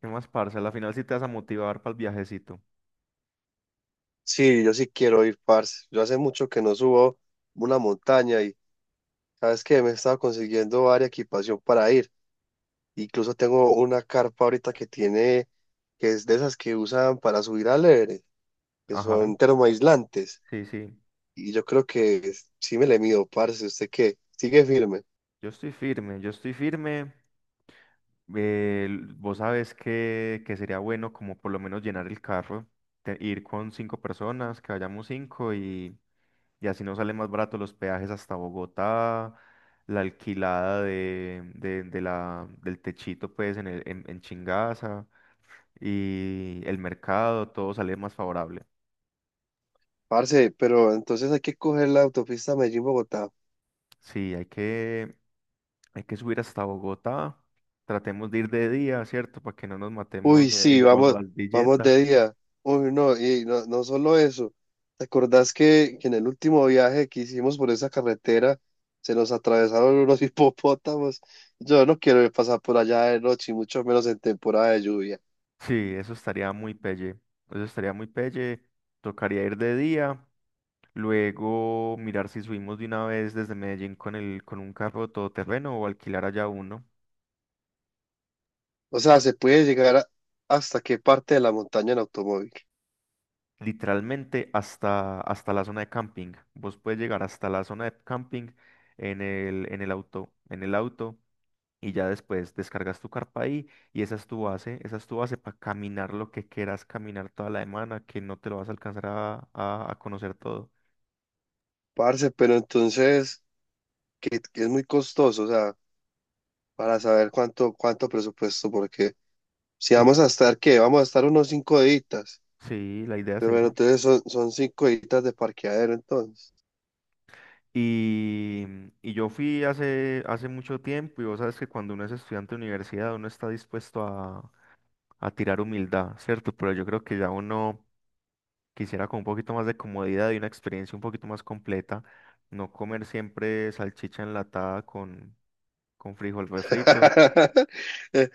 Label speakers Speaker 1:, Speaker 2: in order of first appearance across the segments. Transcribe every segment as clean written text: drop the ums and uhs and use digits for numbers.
Speaker 1: ¿Qué más, parce? A la final sí te vas a motivar para el viajecito.
Speaker 2: Sí, yo sí quiero ir, parce. Yo hace mucho que no subo una montaña y sabes que me he estado consiguiendo varia equipación para ir. Incluso tengo una carpa ahorita que es de esas que usan para subir al Everest, que
Speaker 1: Ajá,
Speaker 2: son termoaislantes.
Speaker 1: sí, sí.
Speaker 2: Y yo creo que sí me le mido, parce. ¿Usted qué? Sigue firme.
Speaker 1: Yo estoy firme, yo estoy firme. Vos sabes que sería bueno como por lo menos llenar el carro, ir con cinco personas, que vayamos cinco y así nos sale más barato los peajes hasta Bogotá, la alquilada del techito pues en Chingaza y el mercado, todo sale más favorable.
Speaker 2: Parce, pero entonces hay que coger la autopista Medellín-Bogotá.
Speaker 1: Sí, hay que, Hay que subir hasta Bogotá. Tratemos de ir de día, ¿cierto? Para que no nos matemos
Speaker 2: Uy, sí,
Speaker 1: en
Speaker 2: vamos
Speaker 1: Guadalvilleta.
Speaker 2: de día. Uy, no, no solo eso. ¿Te acordás que en el último viaje que hicimos por esa carretera se nos atravesaron unos hipopótamos? Yo no quiero pasar por allá de noche, y mucho menos en temporada de lluvia.
Speaker 1: Sí, eso estaría muy pelle. Eso estaría muy pelle. Tocaría ir de día. Luego mirar si subimos de una vez desde Medellín con el, con un carro todoterreno o alquilar allá uno.
Speaker 2: O sea, se puede llegar a- hasta qué parte de la montaña en automóvil.
Speaker 1: Literalmente hasta la zona de camping. Vos puedes llegar hasta la zona de camping en el auto. En el auto. Y ya después descargas tu carpa ahí y esa es tu base, esa es tu base para caminar lo que quieras caminar toda la semana, que no te lo vas a alcanzar a conocer todo.
Speaker 2: Parce, pero entonces, que es muy costoso, o sea, para saber cuánto presupuesto, porque si
Speaker 1: Pues
Speaker 2: vamos a estar, ¿qué? Vamos a estar unos 5 días.
Speaker 1: sí, la idea es
Speaker 2: Pero bueno,
Speaker 1: esa.
Speaker 2: entonces son cinco editas de parqueadero, entonces.
Speaker 1: Y yo fui hace mucho tiempo y vos sabes que cuando uno es estudiante de universidad uno está dispuesto a tirar humildad, ¿cierto? Pero yo creo que ya uno quisiera con un poquito más de comodidad y una experiencia un poquito más completa, no comer siempre salchicha enlatada con frijol refrito.
Speaker 2: Eh,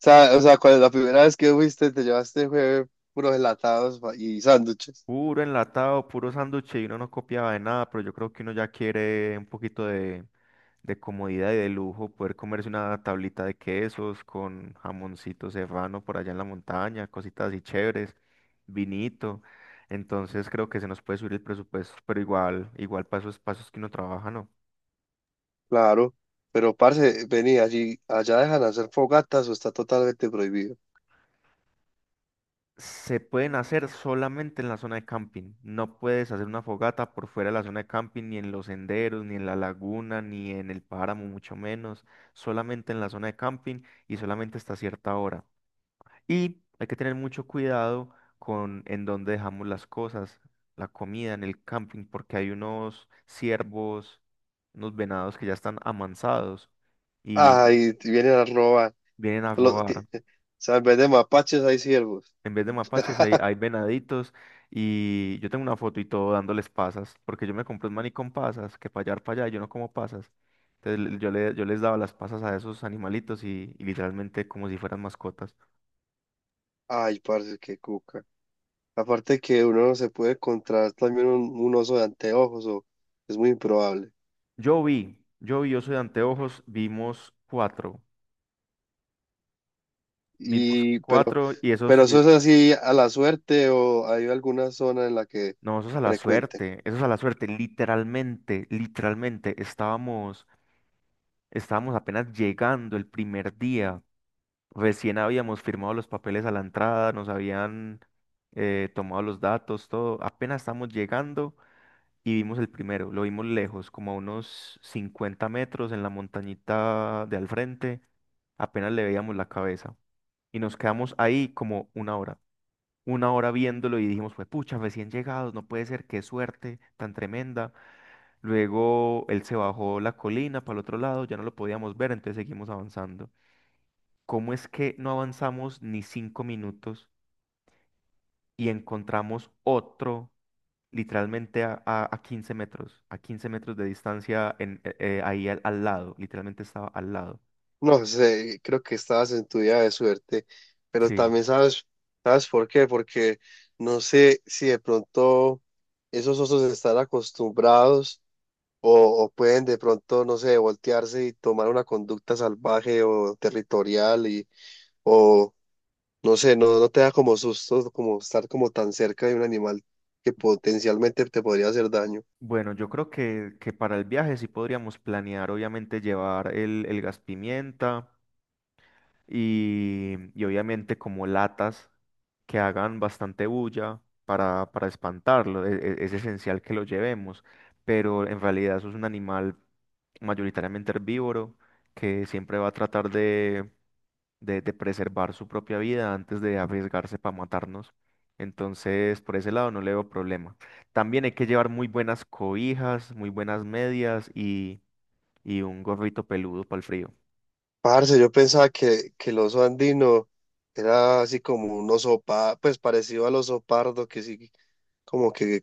Speaker 2: o sea, cuando la primera vez que fuiste, te llevaste fue puros gelatados y sándwiches.
Speaker 1: Puro enlatado, puro sándwich y uno no copiaba de nada, pero yo creo que uno ya quiere un poquito de comodidad y de lujo, poder comerse una tablita de quesos con jamoncito serrano por allá en la montaña, cositas así chéveres, vinito. Entonces creo que se nos puede subir el presupuesto, pero igual, igual pasos, pasos que uno trabaja, ¿no?
Speaker 2: Claro. Pero, parce, vení, allá dejan hacer fogatas o está totalmente prohibido.
Speaker 1: Se pueden hacer solamente en la zona de camping. No puedes hacer una fogata por fuera de la zona de camping, ni en los senderos, ni en la laguna, ni en el páramo, mucho menos. Solamente en la zona de camping y solamente hasta cierta hora. Y hay que tener mucho cuidado con en dónde dejamos las cosas, la comida en el camping, porque hay unos ciervos, unos venados que ya están amansados y
Speaker 2: Ay, te vienen a robar.
Speaker 1: vienen a robar.
Speaker 2: O sea, en vez de mapaches hay ciervos.
Speaker 1: En vez de mapaches hay, hay venaditos. Y yo tengo una foto y todo dándoles pasas, porque yo me compré un maní con pasas, que para allá, yo no como pasas. Entonces yo les daba las pasas a esos animalitos y literalmente como si fueran mascotas.
Speaker 2: Ay, parce, qué cuca. Aparte que uno no se puede encontrar también un oso de anteojos, o es muy improbable.
Speaker 1: Yo vi, yo soy de anteojos, vimos
Speaker 2: Y, pero,
Speaker 1: cuatro y esos,
Speaker 2: pero eso es así a la suerte o hay alguna zona en la que
Speaker 1: no, esos a la
Speaker 2: frecuente.
Speaker 1: suerte, esos a la suerte, literalmente, literalmente, estábamos apenas llegando el primer día. Recién habíamos firmado los papeles a la entrada, nos habían tomado los datos, todo. Apenas estamos llegando y vimos el primero. Lo vimos lejos, como a unos 50 metros en la montañita de al frente. Apenas le veíamos la cabeza. Y nos quedamos ahí como una hora. Una hora viéndolo y dijimos, pues pucha, recién llegados, no puede ser, qué suerte tan tremenda. Luego él se bajó la colina para el otro lado, ya no lo podíamos ver, entonces seguimos avanzando. ¿Cómo es que no avanzamos ni 5 minutos y encontramos otro literalmente a 15 metros, a 15 metros de distancia ahí al lado? Literalmente estaba al lado.
Speaker 2: No sé, creo que estabas en tu día de suerte, pero
Speaker 1: Sí.
Speaker 2: también sabes, ¿sabes por qué? Porque no sé si de pronto esos osos están acostumbrados o pueden de pronto, no sé, voltearse y tomar una conducta salvaje o territorial y, o no sé, no te da como susto como estar como tan cerca de un animal que potencialmente te podría hacer daño.
Speaker 1: Bueno, yo creo que para el viaje sí podríamos planear, obviamente, llevar el gas pimienta y obviamente como latas que hagan bastante bulla para espantarlo. Es esencial que lo llevemos, pero en realidad eso es un animal mayoritariamente herbívoro, que siempre va a tratar de preservar su propia vida antes de arriesgarse para matarnos. Entonces, por ese lado no le veo problema. También hay que llevar muy buenas cobijas, muy buenas medias y un gorrito peludo para el frío.
Speaker 2: Parce, yo pensaba que el oso andino era así como un oso, pues parecido al oso pardo, que sí, como que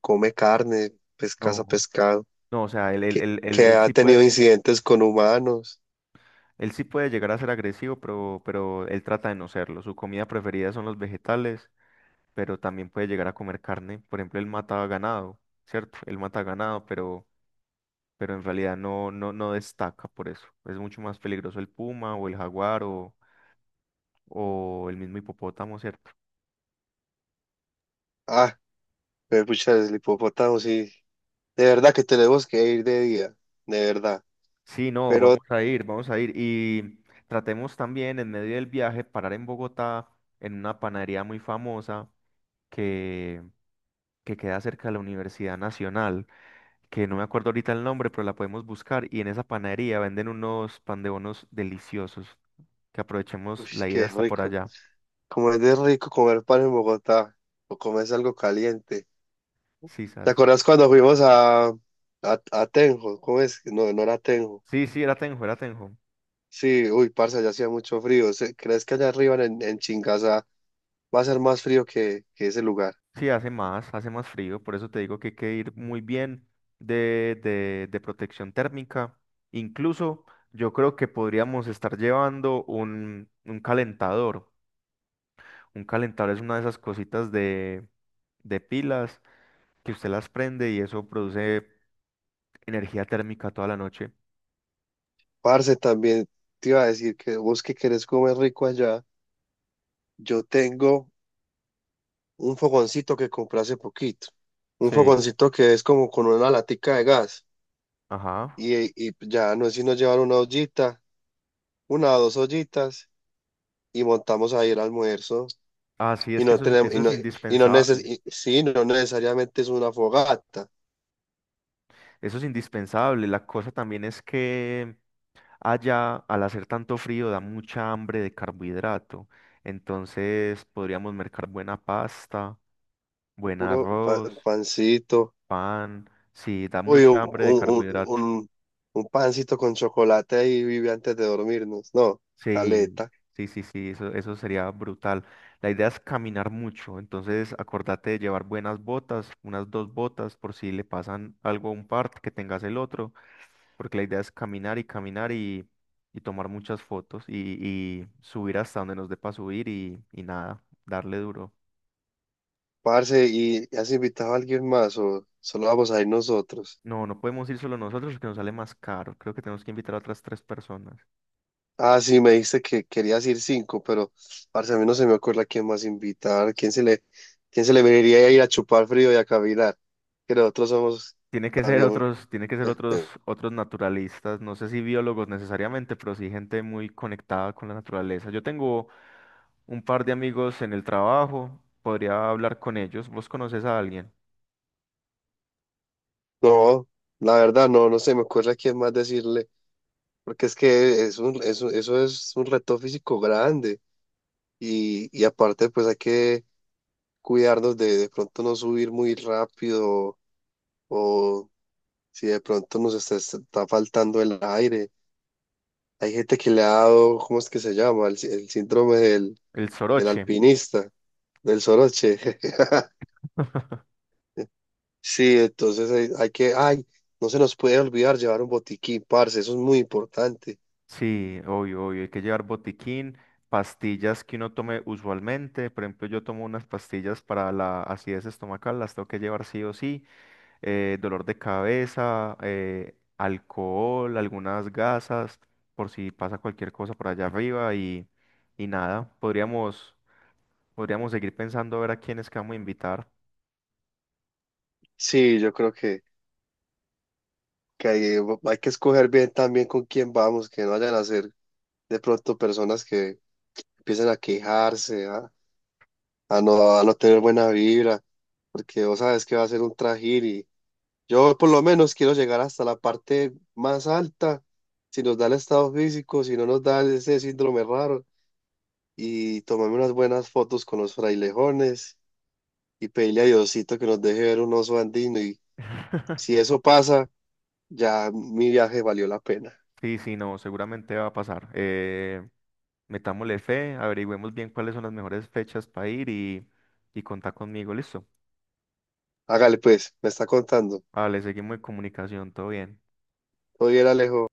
Speaker 2: come carne, pescaza
Speaker 1: No,
Speaker 2: pescado,
Speaker 1: no, o sea, él, él-
Speaker 2: que,
Speaker 1: él- él-
Speaker 2: que
Speaker 1: él
Speaker 2: ha
Speaker 1: sí
Speaker 2: tenido
Speaker 1: puede,
Speaker 2: incidentes con humanos.
Speaker 1: él sí puede, llegar a ser agresivo, pero él trata de no serlo. Su comida preferida son los vegetales, pero también puede llegar a comer carne. Por ejemplo, él mata ganado, ¿cierto? Él mata ganado, pero en realidad no destaca por eso. Es mucho más peligroso el puma o el jaguar o el mismo hipopótamo, ¿cierto?
Speaker 2: Ah, me pucha, el hipopótamo, sí. De verdad que tenemos que ir de día, de verdad.
Speaker 1: Sí, no,
Speaker 2: Pero,
Speaker 1: vamos a ir, vamos a ir. Y tratemos también en medio del viaje parar en Bogotá, en una panadería muy famosa que, que queda cerca de la Universidad Nacional, que no me acuerdo ahorita el nombre, pero la podemos buscar. Y en esa panadería venden unos pan de bonos deliciosos. Que aprovechemos
Speaker 2: uy,
Speaker 1: la ida
Speaker 2: qué
Speaker 1: hasta por
Speaker 2: rico.
Speaker 1: allá.
Speaker 2: Como es de rico comer pan en Bogotá, o comes algo caliente.
Speaker 1: Sí,
Speaker 2: ¿Te
Speaker 1: ¿sabes?
Speaker 2: acuerdas cuando fuimos a Tenjo? ¿Cómo es? No, no era Tenjo.
Speaker 1: Sí, sí, era Tenjo, era Tenjo.
Speaker 2: Sí, uy, parce, allá hacía mucho frío. ¿Crees que allá arriba en Chingaza va a ser más frío que ese lugar?
Speaker 1: Sí, hace más frío, por eso te digo que hay que ir muy bien de protección térmica. Incluso yo creo que podríamos estar llevando un calentador. Un calentador es una de esas cositas de pilas que usted las prende y eso produce energía térmica toda la noche.
Speaker 2: Parce, también te iba a decir que vos que querés comer rico allá, yo tengo un fogoncito que compré hace poquito. Un
Speaker 1: Sí,
Speaker 2: fogoncito que es como con una latica de gas.
Speaker 1: ajá.
Speaker 2: Y, y ya no es sino llevar una ollita, una o dos ollitas, y montamos ahí el almuerzo.
Speaker 1: Ah, sí,
Speaker 2: Y
Speaker 1: es que
Speaker 2: no
Speaker 1: eso es,
Speaker 2: tenemos,
Speaker 1: eso
Speaker 2: y
Speaker 1: es
Speaker 2: no,
Speaker 1: indispensable.
Speaker 2: sí, no necesariamente es una fogata,
Speaker 1: Eso es indispensable. La cosa también es que allá, al hacer tanto frío, da mucha hambre de carbohidrato. Entonces podríamos mercar buena pasta, buen
Speaker 2: puro
Speaker 1: arroz,
Speaker 2: pancito.
Speaker 1: pan. Sí, da
Speaker 2: Uy,
Speaker 1: mucha hambre de carbohidrato.
Speaker 2: un pancito con chocolate ahí vive antes de dormirnos. No,
Speaker 1: Sí,
Speaker 2: aleta.
Speaker 1: sí, sí, sí, eso sería brutal. La idea es caminar mucho. Entonces acordate de llevar buenas botas, unas dos botas, por si le pasan algo a un part que tengas el otro. Porque la idea es caminar y caminar y tomar muchas fotos y subir hasta donde nos dé para subir y nada, darle duro.
Speaker 2: Parce, ¿y has invitado a alguien más o solo vamos a ir nosotros?
Speaker 1: No, no podemos ir solo nosotros porque nos sale más caro. Creo que tenemos que invitar a otras tres personas.
Speaker 2: Ah, sí, me dijiste que querías ir cinco, pero parce, a mí no se me ocurre a quién más invitar. Quién se le vería ir a chupar frío y a cavilar? Que nosotros somos
Speaker 1: Tiene que ser
Speaker 2: también.
Speaker 1: otros, tiene que ser
Speaker 2: eh,
Speaker 1: otros, otros naturalistas, no sé si biólogos necesariamente, pero sí gente muy conectada con la naturaleza. Yo tengo un par de amigos en el trabajo, podría hablar con ellos. ¿Vos conoces a alguien?
Speaker 2: No, la verdad, no se me ocurre a quién más decirle, porque es que es un, eso es un reto físico grande. Y aparte, pues hay que cuidarnos de pronto no subir muy rápido o si de pronto está faltando el aire. Hay gente que le ha dado, ¿cómo es que se llama? El síndrome del,
Speaker 1: El
Speaker 2: del
Speaker 1: soroche.
Speaker 2: alpinista, del soroche. Sí, entonces hay que, ay, no se nos puede olvidar llevar un botiquín, parce, eso es muy importante.
Speaker 1: Sí, obvio, obvio. Hay que llevar botiquín, pastillas que uno tome usualmente. Por ejemplo, yo tomo unas pastillas para la acidez estomacal, las tengo que llevar sí o sí. Dolor de cabeza, alcohol, algunas gasas, por si pasa cualquier cosa por allá arriba y nada. Podríamos seguir pensando a ver a quiénes que vamos a invitar.
Speaker 2: Sí, yo creo que hay que escoger bien también con quién vamos, que no vayan a ser de pronto personas que empiecen a quejarse, ¿ah? A no tener buena vibra, porque vos sabes que va a ser un trajín y yo por lo menos quiero llegar hasta la parte más alta, si nos da el estado físico, si no nos da ese síndrome raro, y tomarme unas buenas fotos con los frailejones y pedirle a Diosito que nos deje ver un oso andino y si eso pasa, ya mi viaje valió la pena.
Speaker 1: Sí, sí, no, seguramente va a pasar. Metámosle fe, averigüemos bien cuáles son las mejores fechas para ir y contá conmigo, listo.
Speaker 2: Hágale pues, me está contando.
Speaker 1: Vale, seguimos en comunicación, todo bien.
Speaker 2: Todo bien, Alejo.